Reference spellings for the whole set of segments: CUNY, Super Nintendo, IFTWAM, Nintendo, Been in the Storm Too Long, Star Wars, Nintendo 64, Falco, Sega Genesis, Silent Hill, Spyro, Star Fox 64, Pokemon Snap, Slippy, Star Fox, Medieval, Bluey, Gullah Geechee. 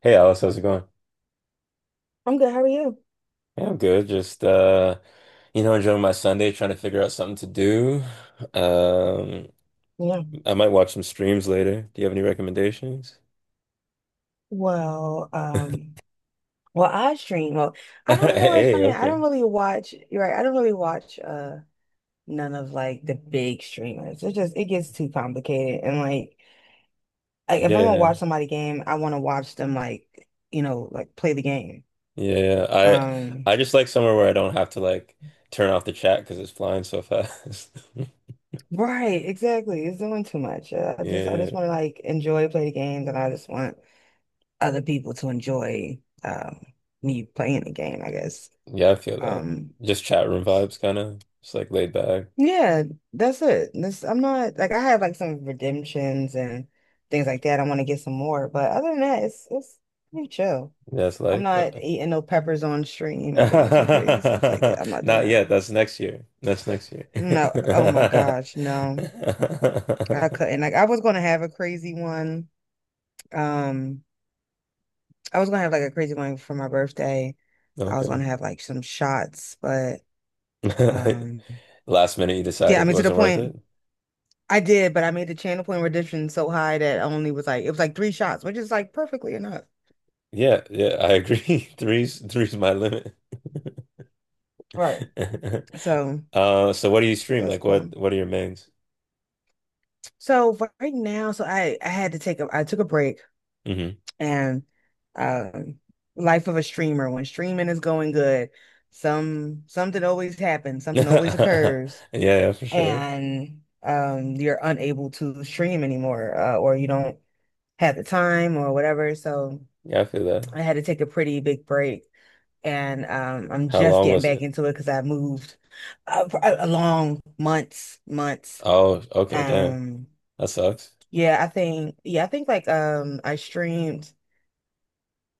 Hey Alice, how's it going? I'm good. How are you? Yeah, I'm good. Just enjoying my Sunday, trying to figure out something to do. Um, Yeah. I might watch some streams later. Do you have any recommendations? Well, um, well, I stream. I don't, you know, it's Hey, funny. I okay. don't really watch, you're right. I don't really watch none of like the big streamers. It gets too complicated. Like if Yeah. I'm gonna Yeah. watch somebody game, I want to watch them, like, you know, like play the game. Yeah, yeah. Um, I just like somewhere where I don't have to like turn off the chat because it's flying so fast. right, exactly. It's doing too much. I just Yeah. want to like enjoy play the games, and I just want other people to enjoy me playing the game, I guess. Yeah, I feel that. Um Just chat room vibes kind of. Just like laid back. Yeah, that's it. I'm not like I had like some redemptions and things like that. I want to get some more, but other than that, it's pretty chill. Yeah, it's I'm light. Not eating no peppers on stream or doing some crazy stuff like Not that. I'm not doing that. yet. That's next year. That's next year. No, oh my gosh, no. I couldn't. Like I was gonna have a crazy one. Um, I was gonna have like a crazy one for my birthday. I was gonna Okay. have like some shots, but um Last minute, you yeah, I decided it mean to the wasn't worth point. it. I did, but I made the channel point redemption so high that I only was like it was like three shots, which is like perfectly enough. Yeah, yeah, I agree. Three's my limit. Right. So So what do you stream? that's Like, cool. what are your mains? So right now, so I had to take a I took a break Hmm. and um life of a streamer when streaming is going good, something always happens, something always Yeah, occurs, yeah, for sure. and you're unable to stream anymore, or you don't have the time or whatever. So Yeah, I feel that. I had to take a pretty big break, and I'm How just long getting was back it? into it because I moved for a long months, months. Oh, okay, damn, Um, that sucks. Yeah, I think like I streamed.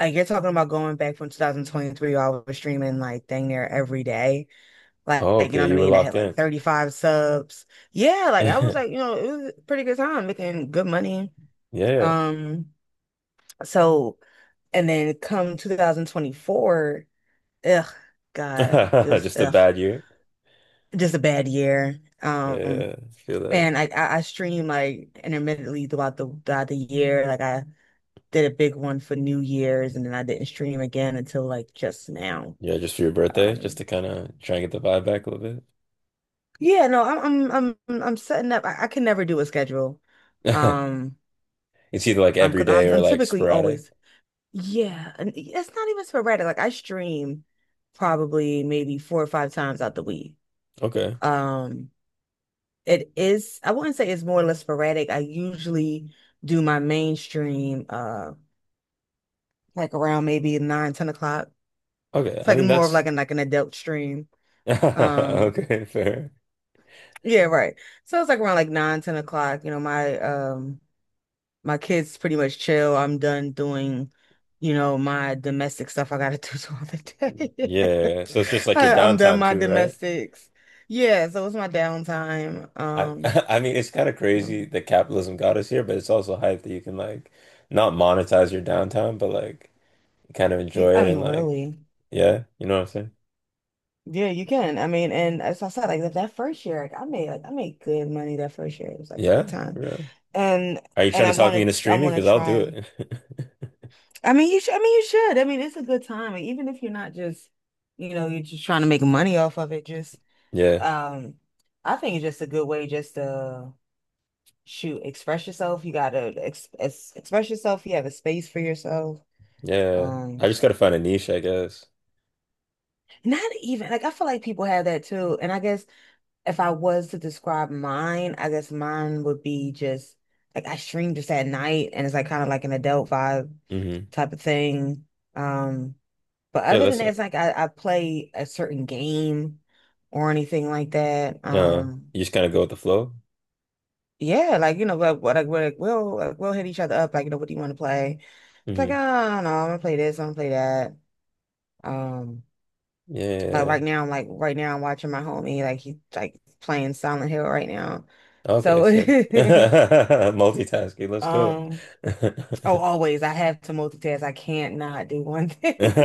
Like you're talking about going back from 2023, I was streaming like dang near every day. Oh, Like, you know okay, what I you were mean? I had locked like in. 35 subs. Yeah, like I was like, you know, it was a pretty good time making good money. Yeah. Um, so and then come 2024, ugh, God, just Just a ugh. bad year. Just a bad year. Yeah, I feel that. And I stream like intermittently throughout the year. Like I did a big one for New Year's, and then I didn't stream again until like just now. Yeah, just for your birthday, just Um, to kind of try and get the vibe back a little yeah, no, I'm setting up. I can never do a schedule. bit. Um, It's either like every because day I'm or I'm like typically sporadic. always yeah, and it's not even sporadic. Like I stream probably maybe four or five times out the week. Okay. Um, It is, I wouldn't say it's more or less sporadic. I usually do my mainstream like around maybe nine, 10 o'clock. Okay. It's I like mean, more of that's like an adult stream. Um okay, fair. yeah, right. So it's like around like nine, 10 o'clock. You know, my my kids pretty much chill. I'm done doing, you know, my domestic stuff I gotta do throughout the day. Yeah. So it's just like your I'm done downtime my too, right? domestics. Yeah, so it's my downtime. I I mean, it's kind of Yeah. crazy that capitalism got us here, but it's also hype that you can like not monetize your downtime, but like kind of You, enjoy I it mean and like, really. yeah, what I'm saying? Yeah, you can. I mean, and as I said, like that, that first year, like I made good money that first year. It was like a Yeah. good For time. real. And Are you and trying I to talk me into wanted I streaming? want Because to I'll try do 'em. it. I mean, you should I mean you should. I mean, it's a good time. Like, even if you're not just, you know, you're just trying to make money off of it, just Yeah, um I think it's just a good way just to shoot, express yourself. You gotta ex ex express yourself. You have a space for yourself. yeah. I Um, just gotta find a niche, I guess. not even like I feel like people have that too. And I guess if I was to describe mine, I guess mine would be just like I stream just at night and it's like kind of like an adult vibe Mm-hmm. type of thing. Um, but Yeah, other than that's that, not, it's like I play a certain game or anything like that. uh, you just kind of go with the flow. Yeah, like you know, like, what like, we'll hit each other up, like, you know, what do you want to play? It's like, Mm-hmm. oh no, I'm gonna play this, I'm gonna play that. Um, like Yeah. right now, I'm like right now I'm watching my homie, like he's like playing Silent Hill right now. Okay, So sick. Multitasking. Let's go. Um, oh, always. I have to multitask. I can't not do one thing.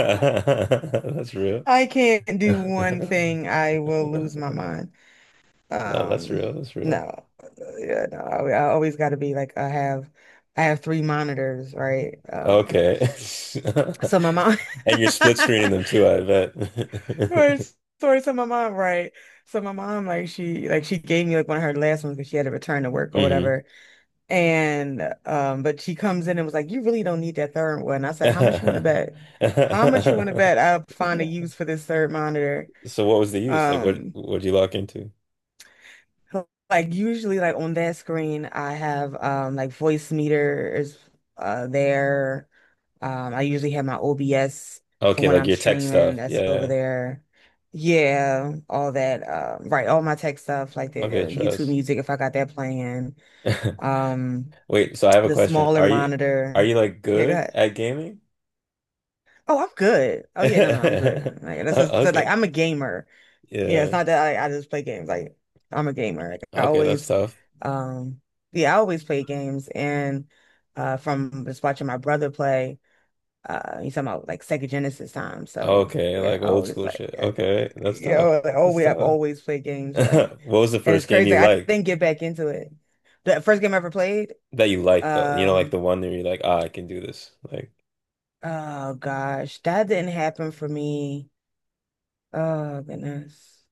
That's real. I can't do one thing. I will lose my mind. No, that's Um, real. That's real. no. Yeah, no. I always got to be like I have three monitors, right? Okay. So my mom And you're split screening them too, I Sorry. bet. So my mom, right. So my mom like she she gave me like one of her last ones because she had to return to work or whatever. And but she comes in and was like, "You really don't need that third one." I said, "How much you want to Mm-hmm. bet? How much you want to bet I'll find a use for this third monitor?" So what was the use? Like what Um, what'd you lock into? so, like usually, like on that screen, I have like voice meters there. I usually have my OBS for Okay, when like I'm your tech streaming. stuff. Yeah. That's Yeah, over yeah. there. Yeah, all that. Right, all my tech stuff like the Okay, YouTube trust. music if I got that playing. Um, Wait, so I have a the question. smaller Are you are monitor. you like Yeah, go good ahead. at gaming? Oh, I'm good. Oh yeah, no, no, I'm good. Like that's what I O- said, like Okay. I'm a gamer. Yeah, it's Yeah. not that I just play games. Like I'm a gamer. Like I Okay, that's always, tough. um, yeah, I always play games. And from just watching my brother play, he's talking about like Sega Genesis time. So Okay, yeah, like I old always school like, shit. Okay, that's you tough. know, like, oh, That's we have tough. always played games, right? What was the And it's first game crazy. you Like, I liked? didn't get back into it. The first game I ever played, That you liked though. You know, like um, the one that you're like, ah, I can do this. Like, oh gosh, that didn't happen for me. Oh goodness.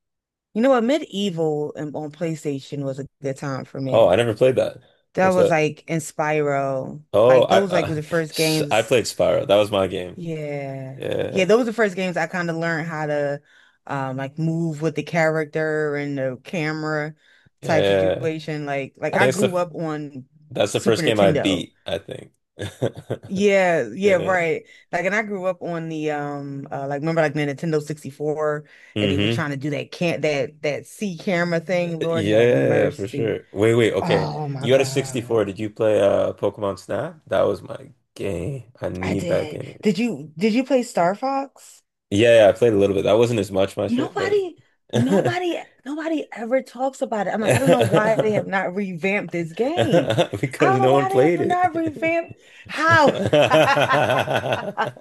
You know what? Medieval and on PlayStation was a good time for oh, me. I never played that. That What's was that? like in Spyro. Oh, Like I those like were the first I games. played Spyro. That was my game. Yeah. Yeah. Yeah, those were the first games I kind of learned how to like move with the character and the camera type Yeah, situation. Like I I think it's the grew up on that's the Super first game I Nintendo. beat, I think. Yeah, yeah, Yeah. right. Like, and I grew up on the like remember like the Nintendo 64, and they were Hmm. trying to do that can't that that C camera Yeah, thing. Lord have yeah, for mercy. sure. Wait, wait, okay. Oh my You had a 64. God, Did you play Pokemon Snap? That was my game. I I need that did. game. Did you play Star Fox? Yeah, yeah, I played a little bit. That wasn't as much my shit, but Nobody, nobody ever talks about it. I'm like, I don't know why they have not revamped this game. I because don't know no one why they have played not it. revamped how.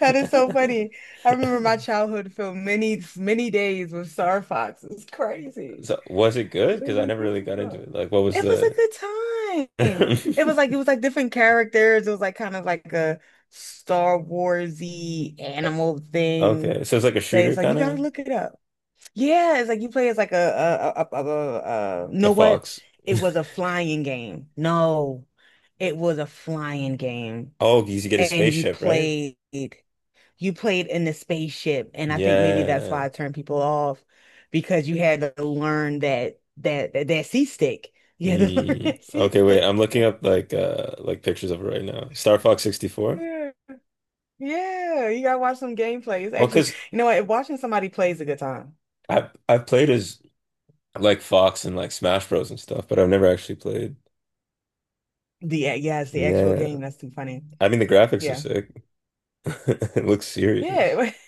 That is so funny. I remember my childhood filled many, many days with Star Fox. It's crazy. So was it good? It Because was I a never good really got into it. time. Like, what was It was a the good time. It was like it was like different characters. It was like kind of like a Star Warsy animal thing. okay, so it's like a But shooter it's like you kind gotta of look it up. Yeah, it's like you play as like you a know what? fox. It was a flying game. No, it was a flying game, Oh, because you get a and spaceship, right? You played in the spaceship, and I think maybe that's Yeah. why I turned people off because you had to learn that C stick. You had to learn Mm. that C Okay, wait. I'm stick. looking up like pictures of it right now. Star Fox 64. Yeah, yeah. You gotta watch some gameplay. It's Well, actually, because you know what? Watching somebody play is a good time. I played as like Fox and like Smash Bros and stuff, but I've never actually played. The yeah, it's the actual Yeah. game. That's too funny. I mean the graphics are Yeah. sick. It looks serious. Yeah,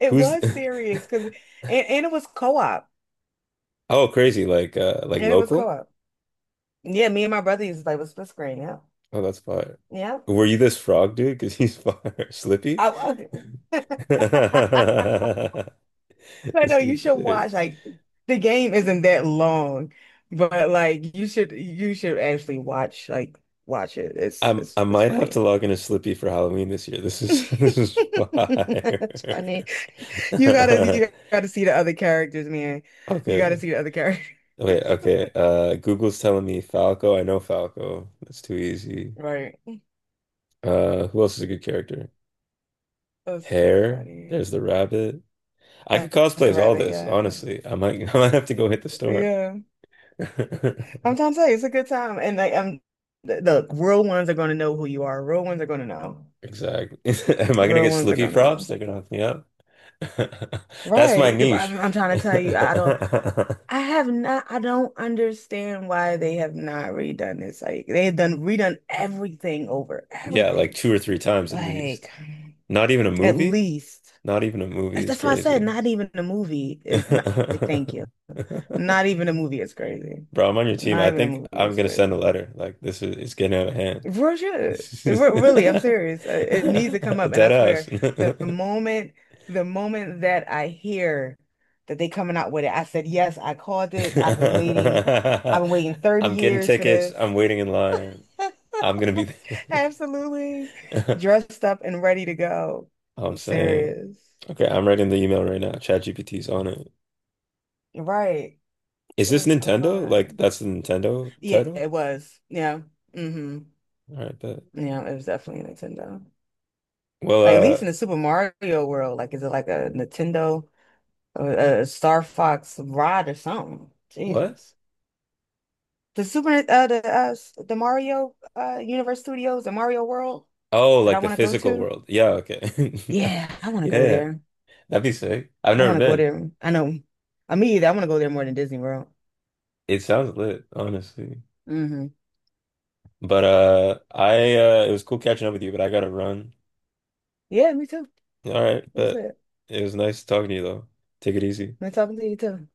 it Who's was serious because and it was co-op. oh, crazy. Like And it was local? co-op. Yeah, me and my brother used to play with split screen. Yeah. Oh, that's fire. Yeah. Were you this frog dude? Because he's fire. Slippy? I, I, I This know you dude's should sick. watch like the game isn't that long, but like you should actually watch like watch it. It's it's I it's might have to funny. log in as Slippy for Halloween this year. This is this is fire. It's funny. You gotta see the other characters, man. You gotta Okay. see the other characters. Wait, okay. Google's telling me Falco. I know Falco. That's too easy. Right. Who else is a good character? That's too Hair. funny. There's the rabbit. I could That's cosplay a as all rabbit. this, Yeah. Okay. honestly. I might I might have to go hit the store. Yeah. I'm trying to tell you, it's a good time. And like, I'm look, real ones are going to know who you are. Real ones are going to know. Exactly. Am I gonna Real get ones are Slippy going to props? know. They're gonna hook me up. That's my Right. niche. I'm trying to tell you, I have not, I don't understand why they have not redone this. Like, they have done redone everything over, Yeah, like everything. two or three times at least. Like, Not even a at movie? least Not even a movie is that's why I said crazy. not even a movie is not, Bro, thank you. Not even a movie is crazy. I'm on your team. Not I even a think movie I'm is gonna send a crazy. letter. Like this is, it's getting out of hand. Real shit. This is- Really, I'm serious. It needs to come up, and dead I ass. swear, the moment, the moment that I hear that they coming out with it, I said, yes, I called it. I've been waiting. I've been waiting 30 I'm getting years for tickets. I'm this. waiting in line. I'm gonna be Absolutely. Dressed up and ready to go. I'm I'm saying, serious. okay, I'm writing the email right now. ChatGPT's on it. Right. Is this What's going Nintendo? Like on? that's the Nintendo Yeah, title? it was. Yeah. Mm-hmm. All right, but Yeah, it was definitely Nintendo. well, Like at least in uh, the Super Mario world, like is it like a Nintendo or a Star Fox rod or something? what? Jesus. The Super the the Mario Universe Studios, the Mario World Oh, that I like the want to go physical to. world. Yeah, okay. Yeah, I want to go Yeah, there. that'd be sick. I've I never want to go been. there. I know. I mean, I want to go there more than Disney World. It sounds lit, honestly. Hmm. But I it was cool catching up with you, but I gotta run. Yeah, me too. All right, It was but good. it was nice talking to you though. Take it easy. Nice talking to you too.